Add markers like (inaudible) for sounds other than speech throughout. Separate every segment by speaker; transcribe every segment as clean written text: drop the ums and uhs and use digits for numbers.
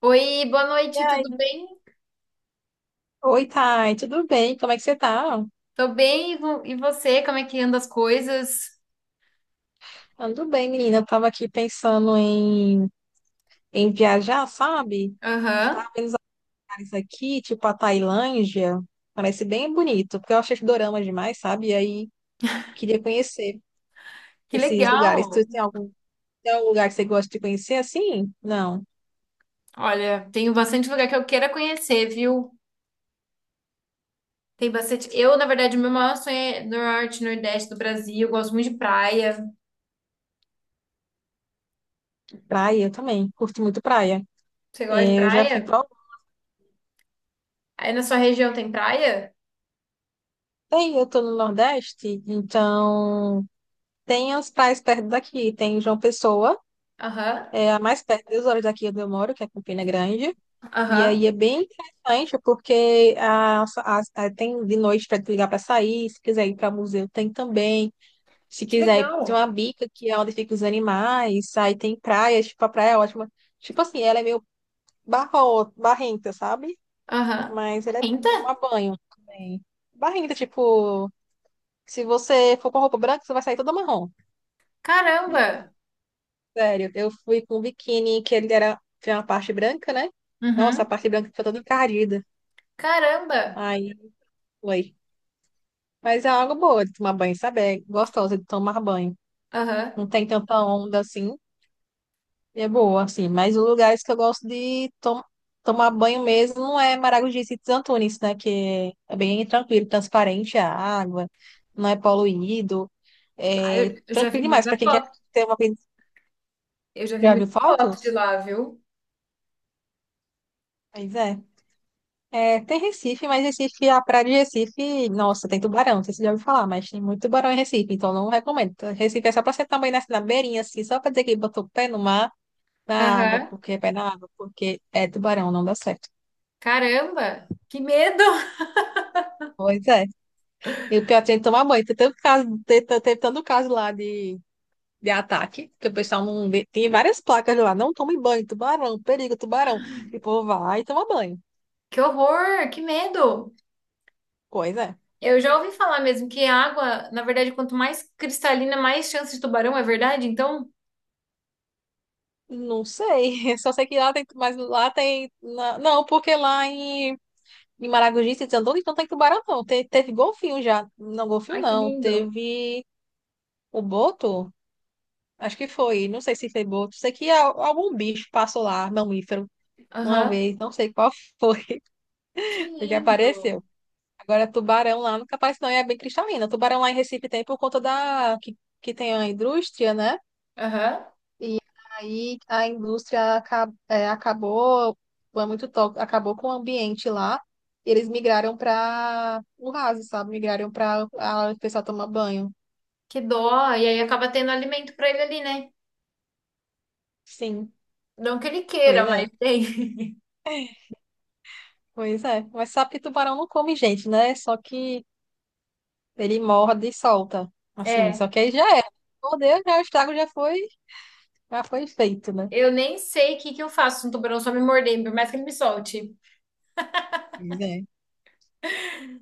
Speaker 1: Oi, boa
Speaker 2: E
Speaker 1: noite,
Speaker 2: aí?
Speaker 1: tudo bem?
Speaker 2: Oi, Thay, tudo bem? Como é que você tá?
Speaker 1: Tô bem, e você? Como é que anda as coisas?
Speaker 2: Ando bem, menina. Eu tava aqui pensando em viajar, sabe?
Speaker 1: Aham,
Speaker 2: Lugares aqui, tipo a Tailândia. Parece bem bonito, porque eu achei dorama demais, sabe? E aí queria conhecer
Speaker 1: que
Speaker 2: esses lugares. Tu
Speaker 1: legal!
Speaker 2: tem tem algum lugar que você gosta de conhecer assim? Não.
Speaker 1: Olha, tenho bastante lugar que eu queira conhecer, viu? Tem bastante. Eu, na verdade, o meu maior sonho é norte, nordeste do Brasil. Eu gosto muito de praia.
Speaker 2: Praia eu também. Curto muito praia.
Speaker 1: Você gosta de
Speaker 2: É, eu já fui
Speaker 1: praia?
Speaker 2: pra.
Speaker 1: Aí na sua região tem praia?
Speaker 2: Tem, eu tô no Nordeste, então tem as praias perto daqui. Tem João Pessoa.
Speaker 1: Aham,
Speaker 2: É a mais perto, 2 horas daqui onde eu moro, que é Campina Grande. E
Speaker 1: aham.
Speaker 2: aí é bem interessante, porque tem de noite para ligar para sair, se quiser ir para museu, tem também. Se
Speaker 1: Que
Speaker 2: quiser,
Speaker 1: legal!
Speaker 2: tem uma bica que é onde ficam os animais, aí tem praia, tipo, a praia é ótima. Tipo assim, ela é meio barrenta, sabe?
Speaker 1: Aham.
Speaker 2: Mas ela é bom pra
Speaker 1: Ainda?
Speaker 2: tomar banho também. Barrenta, tipo, se você for com roupa branca, você vai sair toda marrom.
Speaker 1: Caramba!
Speaker 2: Sério, eu fui com um biquíni que tinha uma parte branca, né? Nossa, a
Speaker 1: Uhum.
Speaker 2: parte branca ficou toda encardida.
Speaker 1: Caramba!
Speaker 2: Aí foi. Mas é algo boa de tomar banho, sabe? É gostosa de tomar banho.
Speaker 1: Aham.
Speaker 2: Não tem tanta onda assim. É boa, assim. Mas os lugares que eu gosto de tomar banho mesmo não é Maragogi e Sítios Antunes, né? Que é bem tranquilo, transparente a água, não é poluído.
Speaker 1: Ah,
Speaker 2: É
Speaker 1: eu já vi
Speaker 2: tranquilo demais para
Speaker 1: muita
Speaker 2: quem quer
Speaker 1: foto.
Speaker 2: ter uma vida.
Speaker 1: Eu já vi
Speaker 2: Já viu
Speaker 1: muita foto de
Speaker 2: fotos?
Speaker 1: lá, viu?
Speaker 2: Pois é. É, tem Recife, mas Recife, a praia de Recife, nossa, tem tubarão, não sei se você já ouviu falar, mas tem muito tubarão em Recife, então não recomendo. Então, Recife é só pra você também nascer na beirinha, assim, só pra dizer que botou o pé no mar, na água,
Speaker 1: Aham.
Speaker 2: porque é pé na água, porque é tubarão, não dá certo.
Speaker 1: Caramba, que medo! (laughs)
Speaker 2: Pois é. E o pior tem que tomar banho. Tem tanto caso, teve tanto caso lá de ataque, que o pessoal não. vê- tem várias placas lá, não tome banho, tubarão, perigo, tubarão. E o povo vai e toma banho.
Speaker 1: Que horror, que medo!
Speaker 2: Pois é.
Speaker 1: Eu já ouvi falar mesmo que a água, na verdade, quanto mais cristalina, mais chance de tubarão, é verdade? Então,
Speaker 2: Não sei, (laughs) só sei que lá tem, não, porque em Maragogi, se desandou, então tem tubarão não, teve golfinho já, não, golfinho
Speaker 1: ai, que
Speaker 2: não,
Speaker 1: lindo.
Speaker 2: teve o boto, acho que foi, não sei se foi boto, sei que algum bicho passou lá, mamífero, uma
Speaker 1: Aham.
Speaker 2: vez, não sei qual foi,
Speaker 1: Que
Speaker 2: (laughs) que
Speaker 1: lindo.
Speaker 2: apareceu. Agora tubarão lá nunca aparece não, e é bem cristalina, tubarão lá em Recife tem por conta que tem a indústria, né?
Speaker 1: Aham.
Speaker 2: Aí a indústria acabou, foi muito tóxico, acabou com o ambiente lá. E eles migraram para o raso, sabe? Migraram para o pessoal tomar banho.
Speaker 1: Que dó. E aí acaba tendo alimento pra ele ali, né?
Speaker 2: Sim,
Speaker 1: Não que ele queira,
Speaker 2: pois é,
Speaker 1: mas tem. (laughs)
Speaker 2: pois é. Mas sabe que tubarão não come gente, né? Só que ele morde e solta. Assim,
Speaker 1: É.
Speaker 2: só que aí já era. Mordeu, já o estrago já foi feito, né?
Speaker 1: Eu nem sei o que que eu faço se um tubarão só me morder, por mais que ele me solte.
Speaker 2: Pois é.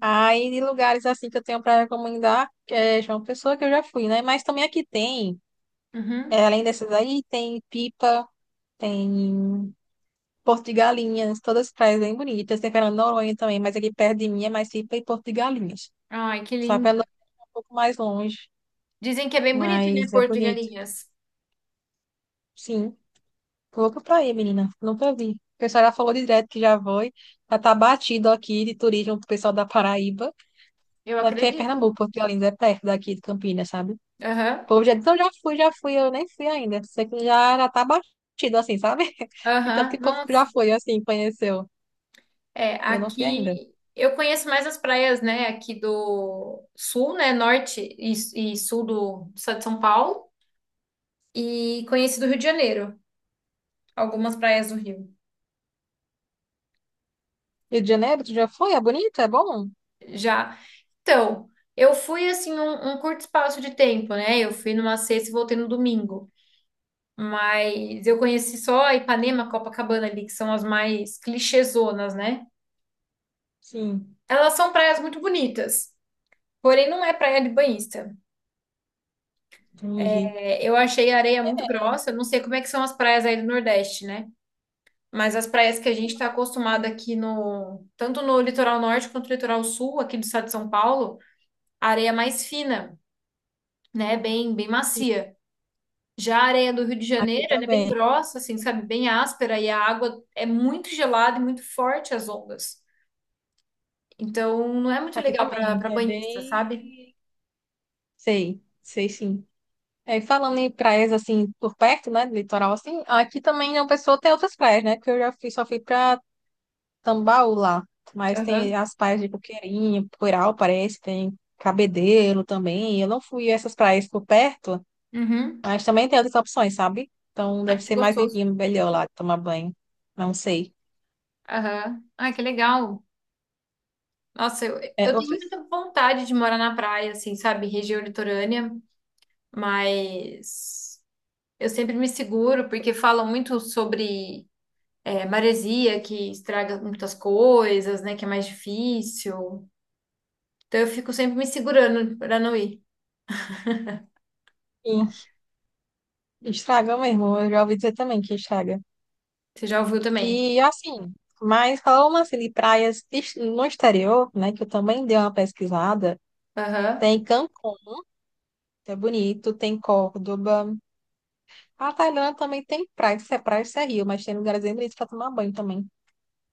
Speaker 2: Aí, de lugares assim que eu tenho para recomendar, é João Pessoa, que eu já fui, né? Mas também aqui tem,
Speaker 1: Uhum.
Speaker 2: é, além dessas aí, tem Pipa, tem Porto de Galinhas, todas as praias bem bonitas. Tem Fernando de Noronha também, mas aqui perto de mim é mais Serpa e Porto de Galinhas.
Speaker 1: Ai, que
Speaker 2: Só
Speaker 1: lindo.
Speaker 2: pelo é um pouco mais longe,
Speaker 1: Dizem que é bem bonito, né,
Speaker 2: mas é
Speaker 1: Porto de
Speaker 2: bonito.
Speaker 1: Galinhas.
Speaker 2: Sim, tô louca pra ir, menina. Nunca vi. O pessoal já falou direto que já foi. Já tá batido aqui de turismo pro pessoal da Paraíba.
Speaker 1: Eu
Speaker 2: Mas porque é
Speaker 1: acredito.
Speaker 2: Pernambuco, Porto de Galinhas é perto daqui de Campinas, sabe? O
Speaker 1: Aham.
Speaker 2: povo já diz, não, já fui, eu nem fui ainda. Sei que já, já tá batido assim, sabe? (laughs) E tanto que
Speaker 1: Aham,
Speaker 2: o povo já
Speaker 1: nossa.
Speaker 2: foi, assim, conheceu.
Speaker 1: É,
Speaker 2: E eu não fui
Speaker 1: aqui
Speaker 2: ainda.
Speaker 1: eu conheço mais as praias, né, aqui do sul, né, norte e sul do estado de São Paulo e conheci do Rio de Janeiro, algumas praias do Rio.
Speaker 2: Rio de Janeiro, tu já foi? É bonito? É bom?
Speaker 1: Já. Então, eu fui assim um curto espaço de tempo, né? Eu fui numa sexta e voltei no domingo. Mas eu conheci só Ipanema, Copacabana ali, que são as mais clichêzonas, né?
Speaker 2: Sim,
Speaker 1: Elas são praias muito bonitas, porém não é praia de banhista.
Speaker 2: entendi.
Speaker 1: É, eu achei a areia muito grossa. Eu não sei como é que são as praias aí do Nordeste, né? Mas as praias que a gente está acostumado aqui no, tanto no litoral norte quanto no litoral sul, aqui do estado de São Paulo, a areia é mais fina, né? Bem
Speaker 2: Sim,
Speaker 1: macia. Já a areia do Rio de
Speaker 2: aqui
Speaker 1: Janeiro, ela é bem
Speaker 2: também.
Speaker 1: grossa, assim, sabe? Bem áspera e a água é muito gelada e muito forte as ondas. Então, não é muito
Speaker 2: Aqui
Speaker 1: legal para
Speaker 2: também. É
Speaker 1: banhista, sabe?
Speaker 2: bem. Sei, sei sim. É, falando em praias assim, por perto, né? De litoral assim, aqui também uma pessoa tem outras praias, né? Que eu já fui, só fui pra Tambaú lá. Mas tem
Speaker 1: Aham.
Speaker 2: as praias de Coqueirinha, Poiral, parece, tem Cabedelo também. Eu não fui a essas praias por perto,
Speaker 1: Uhum.
Speaker 2: mas também tem outras opções, sabe? Então deve
Speaker 1: Ai, que
Speaker 2: ser mais
Speaker 1: gostoso.
Speaker 2: limpinho, melhor lá de tomar banho. Não sei.
Speaker 1: Aham. Ai, que legal. Nossa, eu,
Speaker 2: É,
Speaker 1: eu tenho
Speaker 2: outras.
Speaker 1: muita vontade de morar na praia, assim, sabe? Região litorânea, mas eu sempre me seguro porque falam muito sobre maresia, que estraga muitas coisas, né? Que é mais difícil. Então eu fico sempre me segurando para não ir.
Speaker 2: Sim, estraga mesmo. Eu já ouvi dizer também que estraga.
Speaker 1: Você já ouviu também?
Speaker 2: E assim, mas falando assim de praias no exterior, né, que eu também dei uma pesquisada,
Speaker 1: Aham,
Speaker 2: tem Cancún, que é bonito, tem Córdoba. A Tailândia também tem praia, se é rio, mas tem lugares bem bonitos para tomar banho também. Não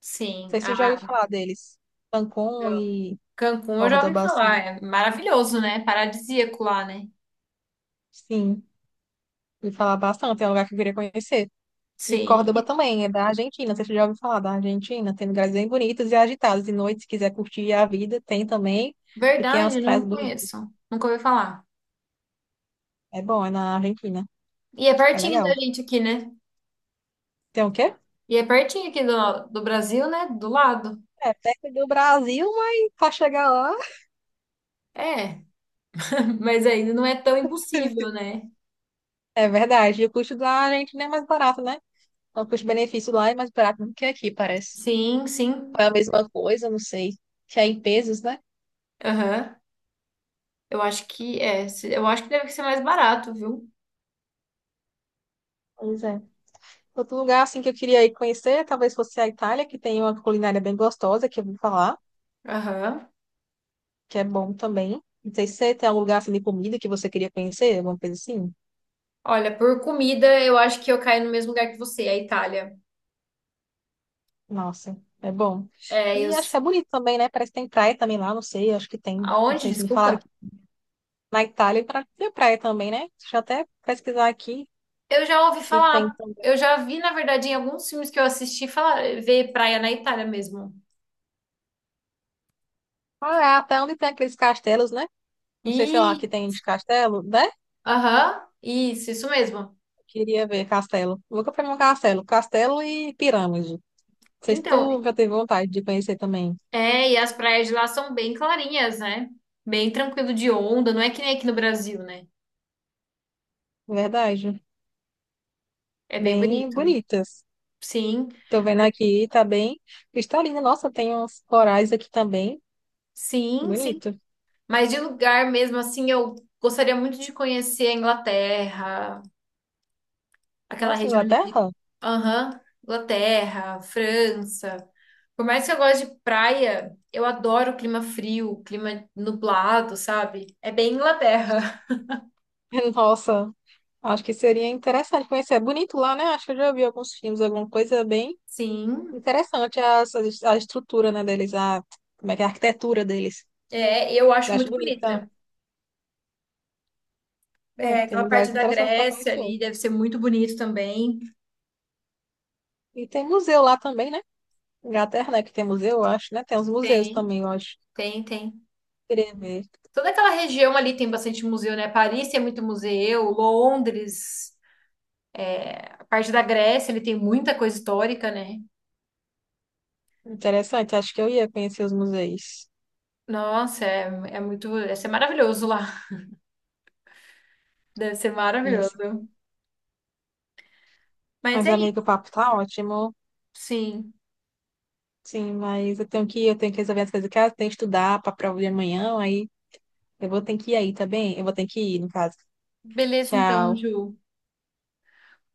Speaker 1: sim.
Speaker 2: sei se você já ouviu
Speaker 1: Ah,
Speaker 2: falar deles. Cancún
Speaker 1: não.
Speaker 2: e
Speaker 1: Cancún eu já ouvi
Speaker 2: Córdoba, assim.
Speaker 1: falar, é maravilhoso, né? Paradisíaco lá, né?
Speaker 2: Sim, ouvi falar bastante, é um lugar que eu queria conhecer. E Córdoba
Speaker 1: Sim.
Speaker 2: também, é da Argentina. Você já ouviu falar da Argentina? Tem lugares bem bonitos e agitados. De noite, se quiser curtir a vida, tem também. E tem as
Speaker 1: Verdade,
Speaker 2: praias
Speaker 1: não
Speaker 2: bonitas.
Speaker 1: conheço. Nunca ouvi falar.
Speaker 2: É bom, é na Argentina.
Speaker 1: E é
Speaker 2: É
Speaker 1: pertinho
Speaker 2: legal.
Speaker 1: da gente aqui, né?
Speaker 2: Tem o quê?
Speaker 1: E é pertinho aqui do, do Brasil, né? Do lado.
Speaker 2: É perto do Brasil, mas para chegar lá.
Speaker 1: É, (laughs) mas ainda não é tão impossível, né?
Speaker 2: É verdade. E o custo da Argentina é mais barato, né? Então, o custo-benefício lá é mais barato do que aqui, parece.
Speaker 1: Sim,
Speaker 2: Ou
Speaker 1: sim.
Speaker 2: é a mesma coisa, não sei. Que é em pesos, né?
Speaker 1: Aham. Eu acho que é. Eu acho que deve ser mais barato, viu?
Speaker 2: Pois é. Outro lugar assim que eu queria ir conhecer, talvez fosse a Itália, que tem uma culinária bem gostosa, que eu vou falar.
Speaker 1: Aham.
Speaker 2: Que é bom também. Não sei se você tem algum lugar assim de comida que você queria conhecer, alguma coisa assim.
Speaker 1: Olha, por comida, eu acho que eu caio no mesmo lugar que você, a Itália.
Speaker 2: Nossa, é bom.
Speaker 1: É, eu...
Speaker 2: E acho que
Speaker 1: s-
Speaker 2: é bonito também, né? Parece que tem praia também lá, não sei, acho que tem. Não
Speaker 1: Aonde?
Speaker 2: sei se me falaram
Speaker 1: Desculpa.
Speaker 2: que na Itália tem praia também, né? Deixa eu até pesquisar aqui
Speaker 1: Eu já ouvi
Speaker 2: se tem
Speaker 1: falar,
Speaker 2: também.
Speaker 1: eu já vi, na verdade, em alguns filmes que eu assisti, falar, ver praia na Itália mesmo.
Speaker 2: Ah, é até onde tem aqueles castelos, né? Não sei, sei lá, que
Speaker 1: E
Speaker 2: tem de castelo, né?
Speaker 1: aham, isso mesmo.
Speaker 2: Queria ver castelo. Nunca fui num castelo. Castelo e pirâmide. Não sei se
Speaker 1: Então,
Speaker 2: tu já teve vontade de conhecer também.
Speaker 1: é, e as praias de lá são bem clarinhas, né? Bem tranquilo de onda, não é que nem aqui no Brasil, né?
Speaker 2: Verdade.
Speaker 1: É bem
Speaker 2: Bem
Speaker 1: bonito.
Speaker 2: bonitas.
Speaker 1: Sim,
Speaker 2: Tô vendo aqui, tá bem cristalina. Nossa, tem uns corais aqui também.
Speaker 1: sim, sim.
Speaker 2: Bonito.
Speaker 1: Mas de lugar mesmo assim, eu gostaria muito de conhecer a Inglaterra, aquela
Speaker 2: Nossa,
Speaker 1: região ali de.
Speaker 2: Inglaterra?
Speaker 1: Aham, Inglaterra, França. Por mais que eu goste de praia, eu adoro o clima frio, clima nublado, sabe? É bem Inglaterra.
Speaker 2: (laughs) Nossa, acho que seria interessante conhecer. É bonito lá, né? Acho que eu já vi alguns filmes, alguma coisa bem
Speaker 1: (laughs) Sim,
Speaker 2: interessante. A estrutura, né, deles, a, como é que é a arquitetura deles.
Speaker 1: é, eu acho
Speaker 2: Eu acho
Speaker 1: muito
Speaker 2: bonita.
Speaker 1: bonita.
Speaker 2: É,
Speaker 1: É,
Speaker 2: tem
Speaker 1: aquela parte
Speaker 2: lugares
Speaker 1: da
Speaker 2: interessantes para
Speaker 1: Grécia
Speaker 2: conhecer.
Speaker 1: ali deve ser muito bonito também.
Speaker 2: E tem museu lá também, né? Inglaterra, né? Que tem museu, eu acho, né? Tem uns museus
Speaker 1: Tem,
Speaker 2: também, eu acho.
Speaker 1: tem, tem.
Speaker 2: Queria ver.
Speaker 1: Toda aquela região ali tem bastante museu, né? Paris tem muito museu, Londres, a parte da Grécia, ele tem muita coisa histórica, né?
Speaker 2: Interessante, acho que eu ia conhecer os museus.
Speaker 1: Nossa, é, é muito. Deve ser maravilhoso lá. (laughs) Deve ser maravilhoso. Mas
Speaker 2: Mas,
Speaker 1: é
Speaker 2: amigo, o
Speaker 1: isso,
Speaker 2: papo tá ótimo.
Speaker 1: sim.
Speaker 2: Sim, mas eu tenho que ir, eu tenho que resolver as coisas de casa, tenho que estudar pra prova de amanhã, aí eu vou ter que ir aí, tá bem? Eu vou ter que ir, no caso.
Speaker 1: Beleza, então,
Speaker 2: Tchau.
Speaker 1: Ju.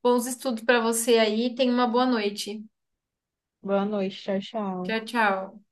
Speaker 1: Bons estudos para você aí. Tenha uma boa noite.
Speaker 2: Boa noite, tchau, tchau.
Speaker 1: Tchau, tchau.